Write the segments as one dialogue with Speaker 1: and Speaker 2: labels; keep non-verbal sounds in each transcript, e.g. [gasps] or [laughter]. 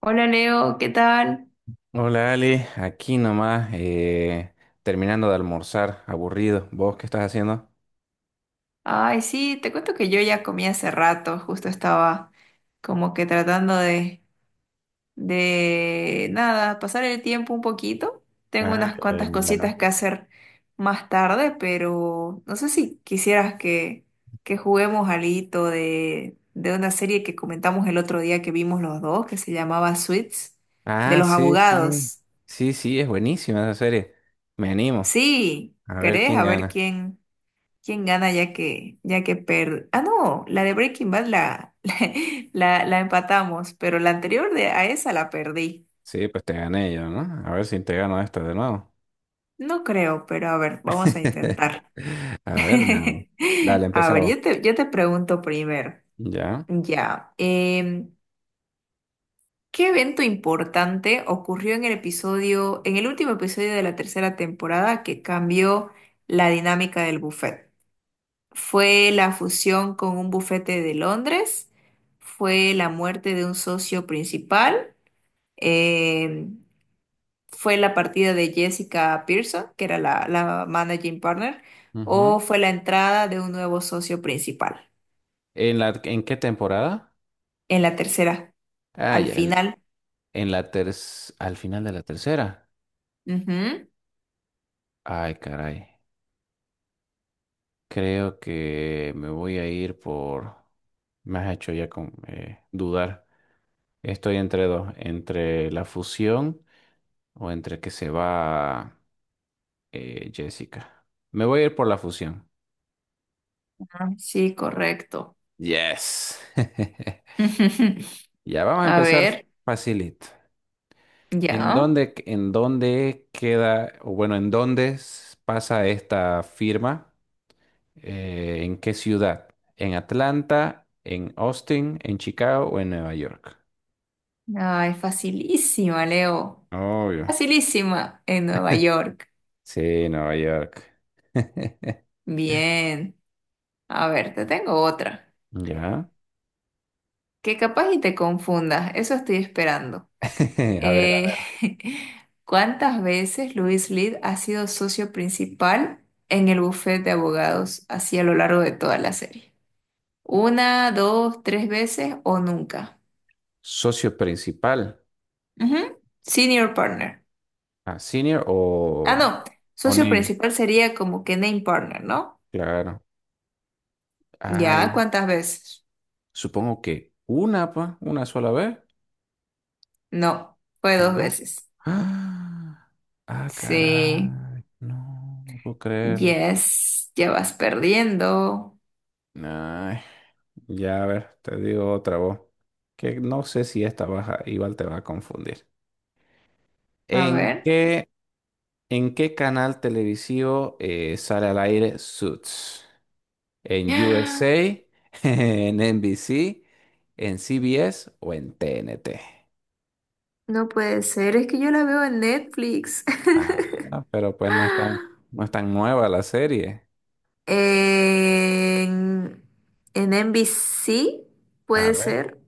Speaker 1: Hola Leo, ¿qué tal?
Speaker 2: Hola Ali, aquí nomás, terminando de almorzar, aburrido. ¿Vos qué estás haciendo?
Speaker 1: Ay, sí, te cuento que yo ya comí hace rato, justo estaba como que tratando nada, pasar el tiempo un poquito. Tengo
Speaker 2: Ah,
Speaker 1: unas
Speaker 2: ya,
Speaker 1: cuantas
Speaker 2: ya,
Speaker 1: cositas que hacer más tarde, pero no sé si quisieras que juguemos alito de una serie que comentamos el otro día que vimos los dos, que se llamaba Suits, de
Speaker 2: Ah,
Speaker 1: los
Speaker 2: sí, sí.
Speaker 1: abogados.
Speaker 2: Sí, sí, es buenísima esa serie. Me animo.
Speaker 1: Sí,
Speaker 2: A ver
Speaker 1: ¿querés?
Speaker 2: quién
Speaker 1: A ver
Speaker 2: gana.
Speaker 1: quién. ¿Quién gana ya que per... Ah, no, la de Breaking Bad la, [laughs] la empatamos, pero la anterior de, a esa la perdí.
Speaker 2: Sí, pues te gané yo, ¿no? A ver si te gano esta de nuevo.
Speaker 1: No creo, pero a ver, vamos a
Speaker 2: [laughs]
Speaker 1: intentar.
Speaker 2: A ver, no.
Speaker 1: [laughs]
Speaker 2: Dale,
Speaker 1: A ver,
Speaker 2: empezamos.
Speaker 1: yo te pregunto primero.
Speaker 2: Ya.
Speaker 1: Ya, ¿qué evento importante ocurrió en el en el último episodio de la tercera temporada que cambió la dinámica del buffet? Fue la fusión con un bufete de Londres, fue la muerte de un socio principal, eh, fue la partida de Jessica Pearson, que era la managing partner,
Speaker 2: Ujú.
Speaker 1: o fue la entrada de un nuevo socio principal
Speaker 2: ¿En la, en qué temporada?
Speaker 1: en la tercera,
Speaker 2: Ah,
Speaker 1: al
Speaker 2: ya, en,
Speaker 1: final.
Speaker 2: en la ter- al final de la tercera.
Speaker 1: Ujú.
Speaker 2: Ay, caray. Creo que me voy a ir por... Me has hecho ya con, dudar. Estoy entre dos, entre la fusión o entre que se va Jessica. Me voy a ir por la fusión.
Speaker 1: Ah, sí, correcto.
Speaker 2: Yes. [laughs] Ya
Speaker 1: [laughs]
Speaker 2: vamos a
Speaker 1: A
Speaker 2: empezar
Speaker 1: ver,
Speaker 2: facilito. ¿En
Speaker 1: ya.
Speaker 2: dónde, en dónde queda, o bueno, pasa esta firma? ¿En qué ciudad? ¿En Atlanta? ¿En Austin? ¿En Chicago o en Nueva York?
Speaker 1: Ay, facilísima, Leo.
Speaker 2: Obvio.
Speaker 1: Facilísima en Nueva York.
Speaker 2: Sí, Nueva York. [laughs]
Speaker 1: Bien. A ver, te tengo otra,
Speaker 2: Ya.
Speaker 1: que capaz y te confundas, eso estoy esperando.
Speaker 2: [laughs] A ver, a
Speaker 1: Eh,
Speaker 2: ver.
Speaker 1: [laughs] ¿cuántas veces Luis Lid ha sido socio principal en el bufete de abogados así a lo largo de toda la serie? ¿Una, dos, tres veces o nunca?
Speaker 2: Socio principal.
Speaker 1: Ujú. Senior partner.
Speaker 2: Ah, senior
Speaker 1: Ah, no,
Speaker 2: o
Speaker 1: socio
Speaker 2: name.
Speaker 1: principal sería como que name partner, ¿no?
Speaker 2: Claro.
Speaker 1: Ya,
Speaker 2: Ay,
Speaker 1: ¿cuántas veces?
Speaker 2: supongo que una, pa, una sola vez.
Speaker 1: No, fue dos
Speaker 2: No.
Speaker 1: veces.
Speaker 2: Ah, ah,
Speaker 1: Sí,
Speaker 2: caray. No, no puedo creerlo.
Speaker 1: yes, ya vas perdiendo.
Speaker 2: Ay, ya, a ver, te digo otra voz. Que no sé si esta baja igual te va a confundir.
Speaker 1: A
Speaker 2: ¿En
Speaker 1: ver.
Speaker 2: qué ¿En qué canal televisivo sale al aire Suits? ¿En
Speaker 1: [gasps]
Speaker 2: USA, [laughs] en NBC, en CBS o en TNT?
Speaker 1: No puede ser, es que yo la veo en Netflix. [laughs]
Speaker 2: Ah, pero pues no es tan, no es tan nueva la serie.
Speaker 1: En, en NBC,
Speaker 2: A
Speaker 1: puede
Speaker 2: ver.
Speaker 1: ser.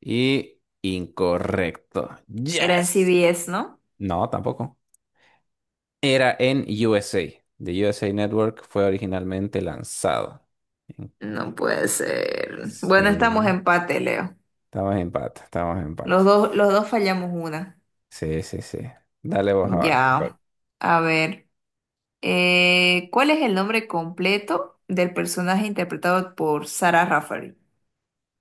Speaker 2: Y incorrecto.
Speaker 1: Era en
Speaker 2: Yes.
Speaker 1: CBS, ¿no?
Speaker 2: No, tampoco. Era en USA. The USA Network fue originalmente lanzado.
Speaker 1: No puede ser. Bueno, estamos
Speaker 2: Sí.
Speaker 1: empate, Leo.
Speaker 2: Estamos en empate, estamos en
Speaker 1: Los
Speaker 2: empate.
Speaker 1: dos, los dos fallamos una.
Speaker 2: Sí, sí, sí. Dale vos ahora.
Speaker 1: Ya. A ver. ¿Cuál es el nombre completo del personaje interpretado por Sarah Rafferty,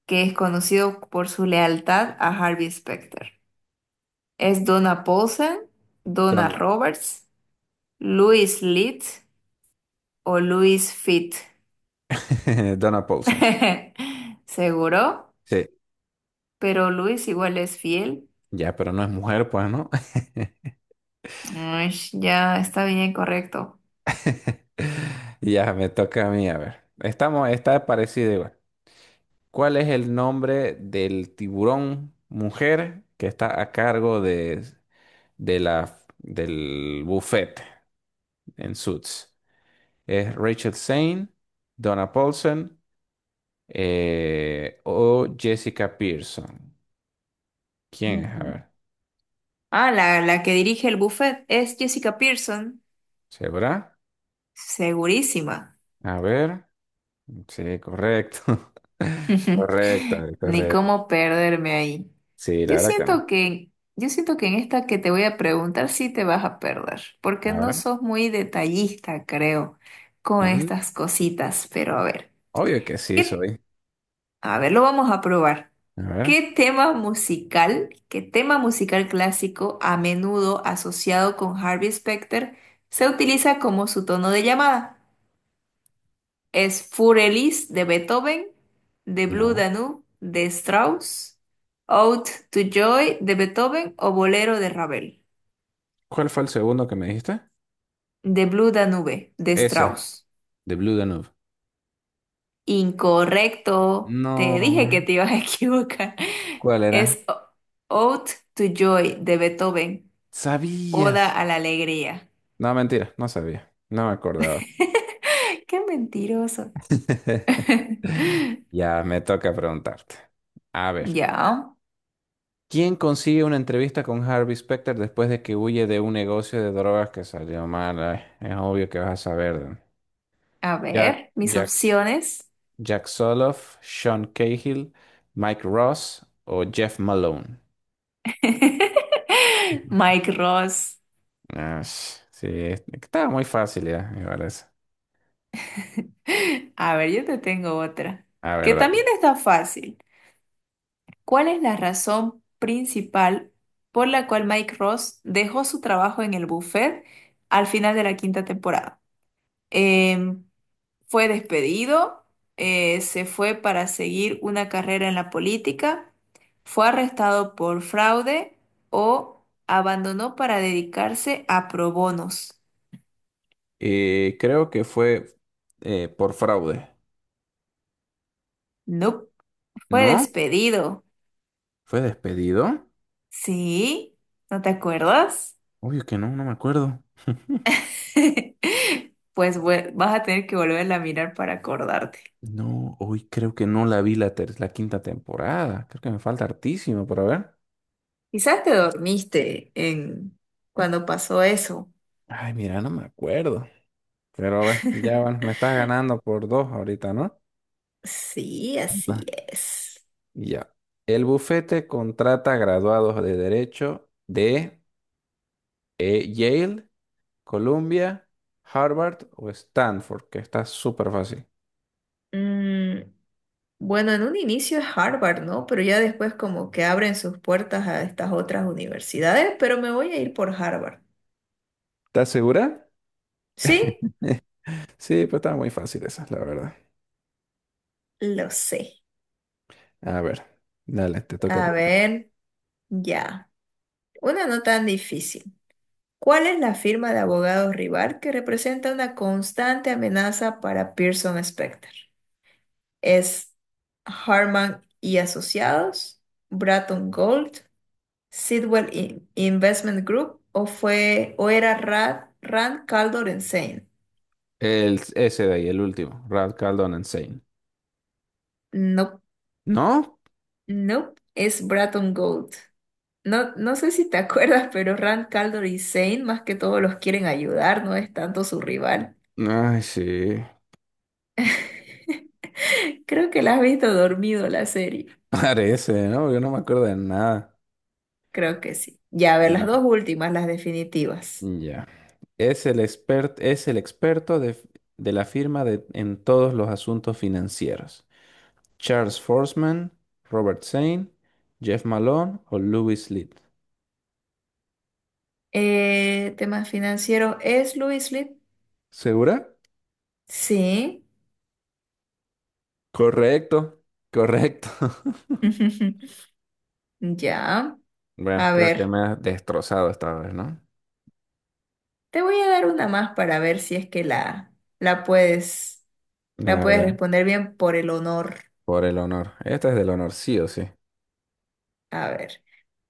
Speaker 1: que es conocido por su lealtad a Harvey Specter? ¿Es Donna Paulsen, Donna
Speaker 2: Donna,
Speaker 1: Roberts, Louis Litt o Louis Fit?
Speaker 2: [laughs] Donna Paulson.
Speaker 1: [laughs] Seguro,
Speaker 2: Sí,
Speaker 1: pero Luis igual es fiel.
Speaker 2: ya, pero no es mujer, pues, ¿no?
Speaker 1: Ush, ya está bien correcto.
Speaker 2: [laughs] Ya, me toca a mí, a ver. Estamos, está parecida igual. ¿Cuál es el nombre del tiburón mujer que está a cargo de, del buffet en Suits? ¿Es Rachel Zane, Donna Paulson o Jessica Pearson? ¿Quién es? A
Speaker 1: Ujú.
Speaker 2: ver.
Speaker 1: Ah, la que dirige el buffet es Jessica Pearson.
Speaker 2: ¿Sabrá?
Speaker 1: Segurísima.
Speaker 2: A ver. Sí, correcto. [laughs] Correcto,
Speaker 1: [laughs] Ni
Speaker 2: correcto.
Speaker 1: cómo perderme ahí.
Speaker 2: Sí, la
Speaker 1: Yo
Speaker 2: verdad que no.
Speaker 1: siento que, yo siento que en esta que te voy a preguntar sí te vas a perder, porque
Speaker 2: A
Speaker 1: no
Speaker 2: ver.
Speaker 1: sos muy detallista, creo, con
Speaker 2: mm,
Speaker 1: estas cositas. Pero a ver,
Speaker 2: Obvio que sí
Speaker 1: ¿qué-
Speaker 2: soy.
Speaker 1: A ver, lo vamos a probar.
Speaker 2: A ver.
Speaker 1: Qué tema musical clásico a menudo asociado con Harvey Specter se utiliza como su tono de llamada? Es Furelis de Beethoven, The Blue
Speaker 2: No.
Speaker 1: Danube de Strauss, Ode to Joy de Beethoven o Bolero de Ravel.
Speaker 2: ¿Cuál fue el segundo que me dijiste?
Speaker 1: The Blue Danube de
Speaker 2: Ese,
Speaker 1: Strauss.
Speaker 2: de Blue Danube.
Speaker 1: Incorrecto. Te
Speaker 2: No.
Speaker 1: dije que te ibas a [laughs] equivocar.
Speaker 2: ¿Cuál era?
Speaker 1: Es Ode to Joy de Beethoven,
Speaker 2: ¿Sabías?
Speaker 1: Oda a la Alegría.
Speaker 2: No, mentira, no sabía. No me acordaba.
Speaker 1: [laughs] Qué mentiroso.
Speaker 2: [laughs]
Speaker 1: [laughs]
Speaker 2: Ya me toca preguntarte. A ver.
Speaker 1: Ya,
Speaker 2: ¿Quién consigue una entrevista con Harvey Specter después de que huye de un negocio de drogas que salió mal? Ay, es obvio que vas a saber.
Speaker 1: a ver, mis
Speaker 2: Jack.
Speaker 1: opciones.
Speaker 2: Jack Soloff, Sean Cahill, Mike Ross o Jeff Malone.
Speaker 1: [laughs] Mike Ross.
Speaker 2: Ah, sí, estaba muy fácil ya, me parece.
Speaker 1: A ver, yo te tengo otra,
Speaker 2: A ver,
Speaker 1: que
Speaker 2: dale.
Speaker 1: también está fácil. ¿Cuál es la razón principal por la cual Mike Ross dejó su trabajo en el buffet al final de la quinta temporada? Em, ¿Fue despedido? ¿Se fue para seguir una carrera en la política? ¿Fue arrestado por fraude o abandonó para dedicarse a pro bonos?
Speaker 2: Creo que fue por fraude.
Speaker 1: No, fue
Speaker 2: ¿No?
Speaker 1: despedido.
Speaker 2: ¿Fue despedido?
Speaker 1: ¿Sí? ¿No te acuerdas?
Speaker 2: Obvio que no, no me acuerdo.
Speaker 1: [laughs] Pues vas a tener que volverla a mirar para acordarte.
Speaker 2: No, hoy creo que no la vi la quinta temporada. Creo que me falta hartísimo por ver.
Speaker 1: Quizás te dormiste en cuando pasó eso.
Speaker 2: Ay, mira, no me acuerdo. Pero a ver, ya bueno, me estás ganando por dos ahorita, ¿no?
Speaker 1: Sí, así es.
Speaker 2: Ya. El bufete contrata graduados de Derecho de Yale, Columbia, Harvard o Stanford, que está súper fácil.
Speaker 1: Mm, bueno, en un inicio es Harvard, ¿no? Pero ya después como que abren sus puertas a estas otras universidades, pero me voy a ir por Harvard.
Speaker 2: ¿Estás segura?
Speaker 1: Sí,
Speaker 2: Sí, pues está muy fácil esa, la verdad.
Speaker 1: lo sé.
Speaker 2: A ver, dale, te toca
Speaker 1: A
Speaker 2: preguntar.
Speaker 1: ver, ya. Una no tan difícil. ¿Cuál es la firma de abogados rival que representa una constante amenaza para Pearson Spector? ¿Es Harman y Asociados, Bratton Gold, Investment Group o fue o era Rand Caldor and Sane?
Speaker 2: El ese de ahí, el último, Ralph Caldón Insane.
Speaker 1: No,
Speaker 2: ¿No?
Speaker 1: no, es Bratton Gold. No, no sé si te [laughs] acuerdas, pero Rand Caldor y Sane más que todos los quieren ayudar, no es tanto su rival.
Speaker 2: Ay, sí. [laughs]
Speaker 1: Creo que la has visto dormido la serie.
Speaker 2: Parece, ¿no? Yo no me acuerdo de nada.
Speaker 1: Creo que sí. Ya, a ver, las
Speaker 2: Ya.
Speaker 1: dos últimas, las definitivas.
Speaker 2: Ya. Es el experto de, de la firma en todos los asuntos financieros. Charles Forsman, Robert Sain, Jeff Malone o Louis Litt.
Speaker 1: Temas financieros, ¿es Louis Lipp?
Speaker 2: ¿Segura?
Speaker 1: Sí.
Speaker 2: Correcto, correcto. [laughs]
Speaker 1: [laughs] Ya.
Speaker 2: Bueno,
Speaker 1: A
Speaker 2: creo que
Speaker 1: ver,
Speaker 2: me has destrozado esta vez, ¿no?
Speaker 1: te voy a dar una más para ver si es que la puedes, la
Speaker 2: A
Speaker 1: puedes
Speaker 2: ver,
Speaker 1: responder bien por el honor.
Speaker 2: por el honor. Esta es del honor, sí o sí.
Speaker 1: A ver,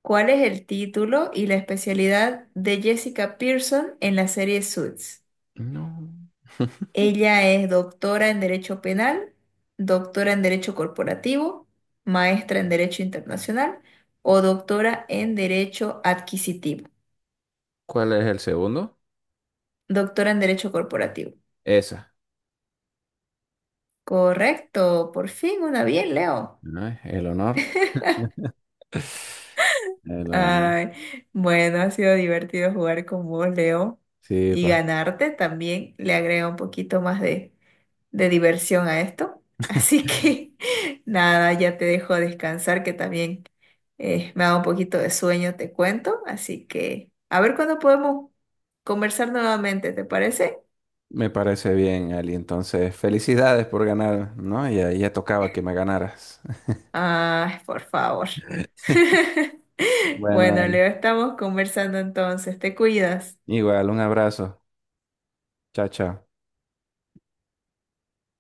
Speaker 1: ¿cuál es el título y la especialidad de Jessica Pearson en la serie Suits?
Speaker 2: No. [laughs]
Speaker 1: Ella es doctora en Derecho Penal, doctora en Derecho Corporativo, maestra en Derecho Internacional o doctora en Derecho Adquisitivo.
Speaker 2: ¿Cuál es el segundo?
Speaker 1: Doctora en Derecho Corporativo.
Speaker 2: Esa.
Speaker 1: Correcto, por fin una bien, Leo.
Speaker 2: ¿No es? El honor. [laughs] El honor.
Speaker 1: Ay, bueno, ha sido divertido jugar con vos, Leo,
Speaker 2: Sí,
Speaker 1: y
Speaker 2: pues.
Speaker 1: ganarte también le agrega un poquito más de diversión a esto. Así que [laughs] nada, ya te dejo descansar, que también eh, me da un poquito de sueño, te cuento, así que a ver cuándo podemos conversar nuevamente, ¿te parece?
Speaker 2: Me parece bien, Ali. Entonces, felicidades por ganar, ¿no? Ya, ya tocaba que me ganaras. [laughs]
Speaker 1: Ay, por favor. [laughs]
Speaker 2: Bueno,
Speaker 1: Bueno,
Speaker 2: Ali.
Speaker 1: Leo, estamos conversando entonces, te cuidas.
Speaker 2: Igual, un abrazo. Chao, chao.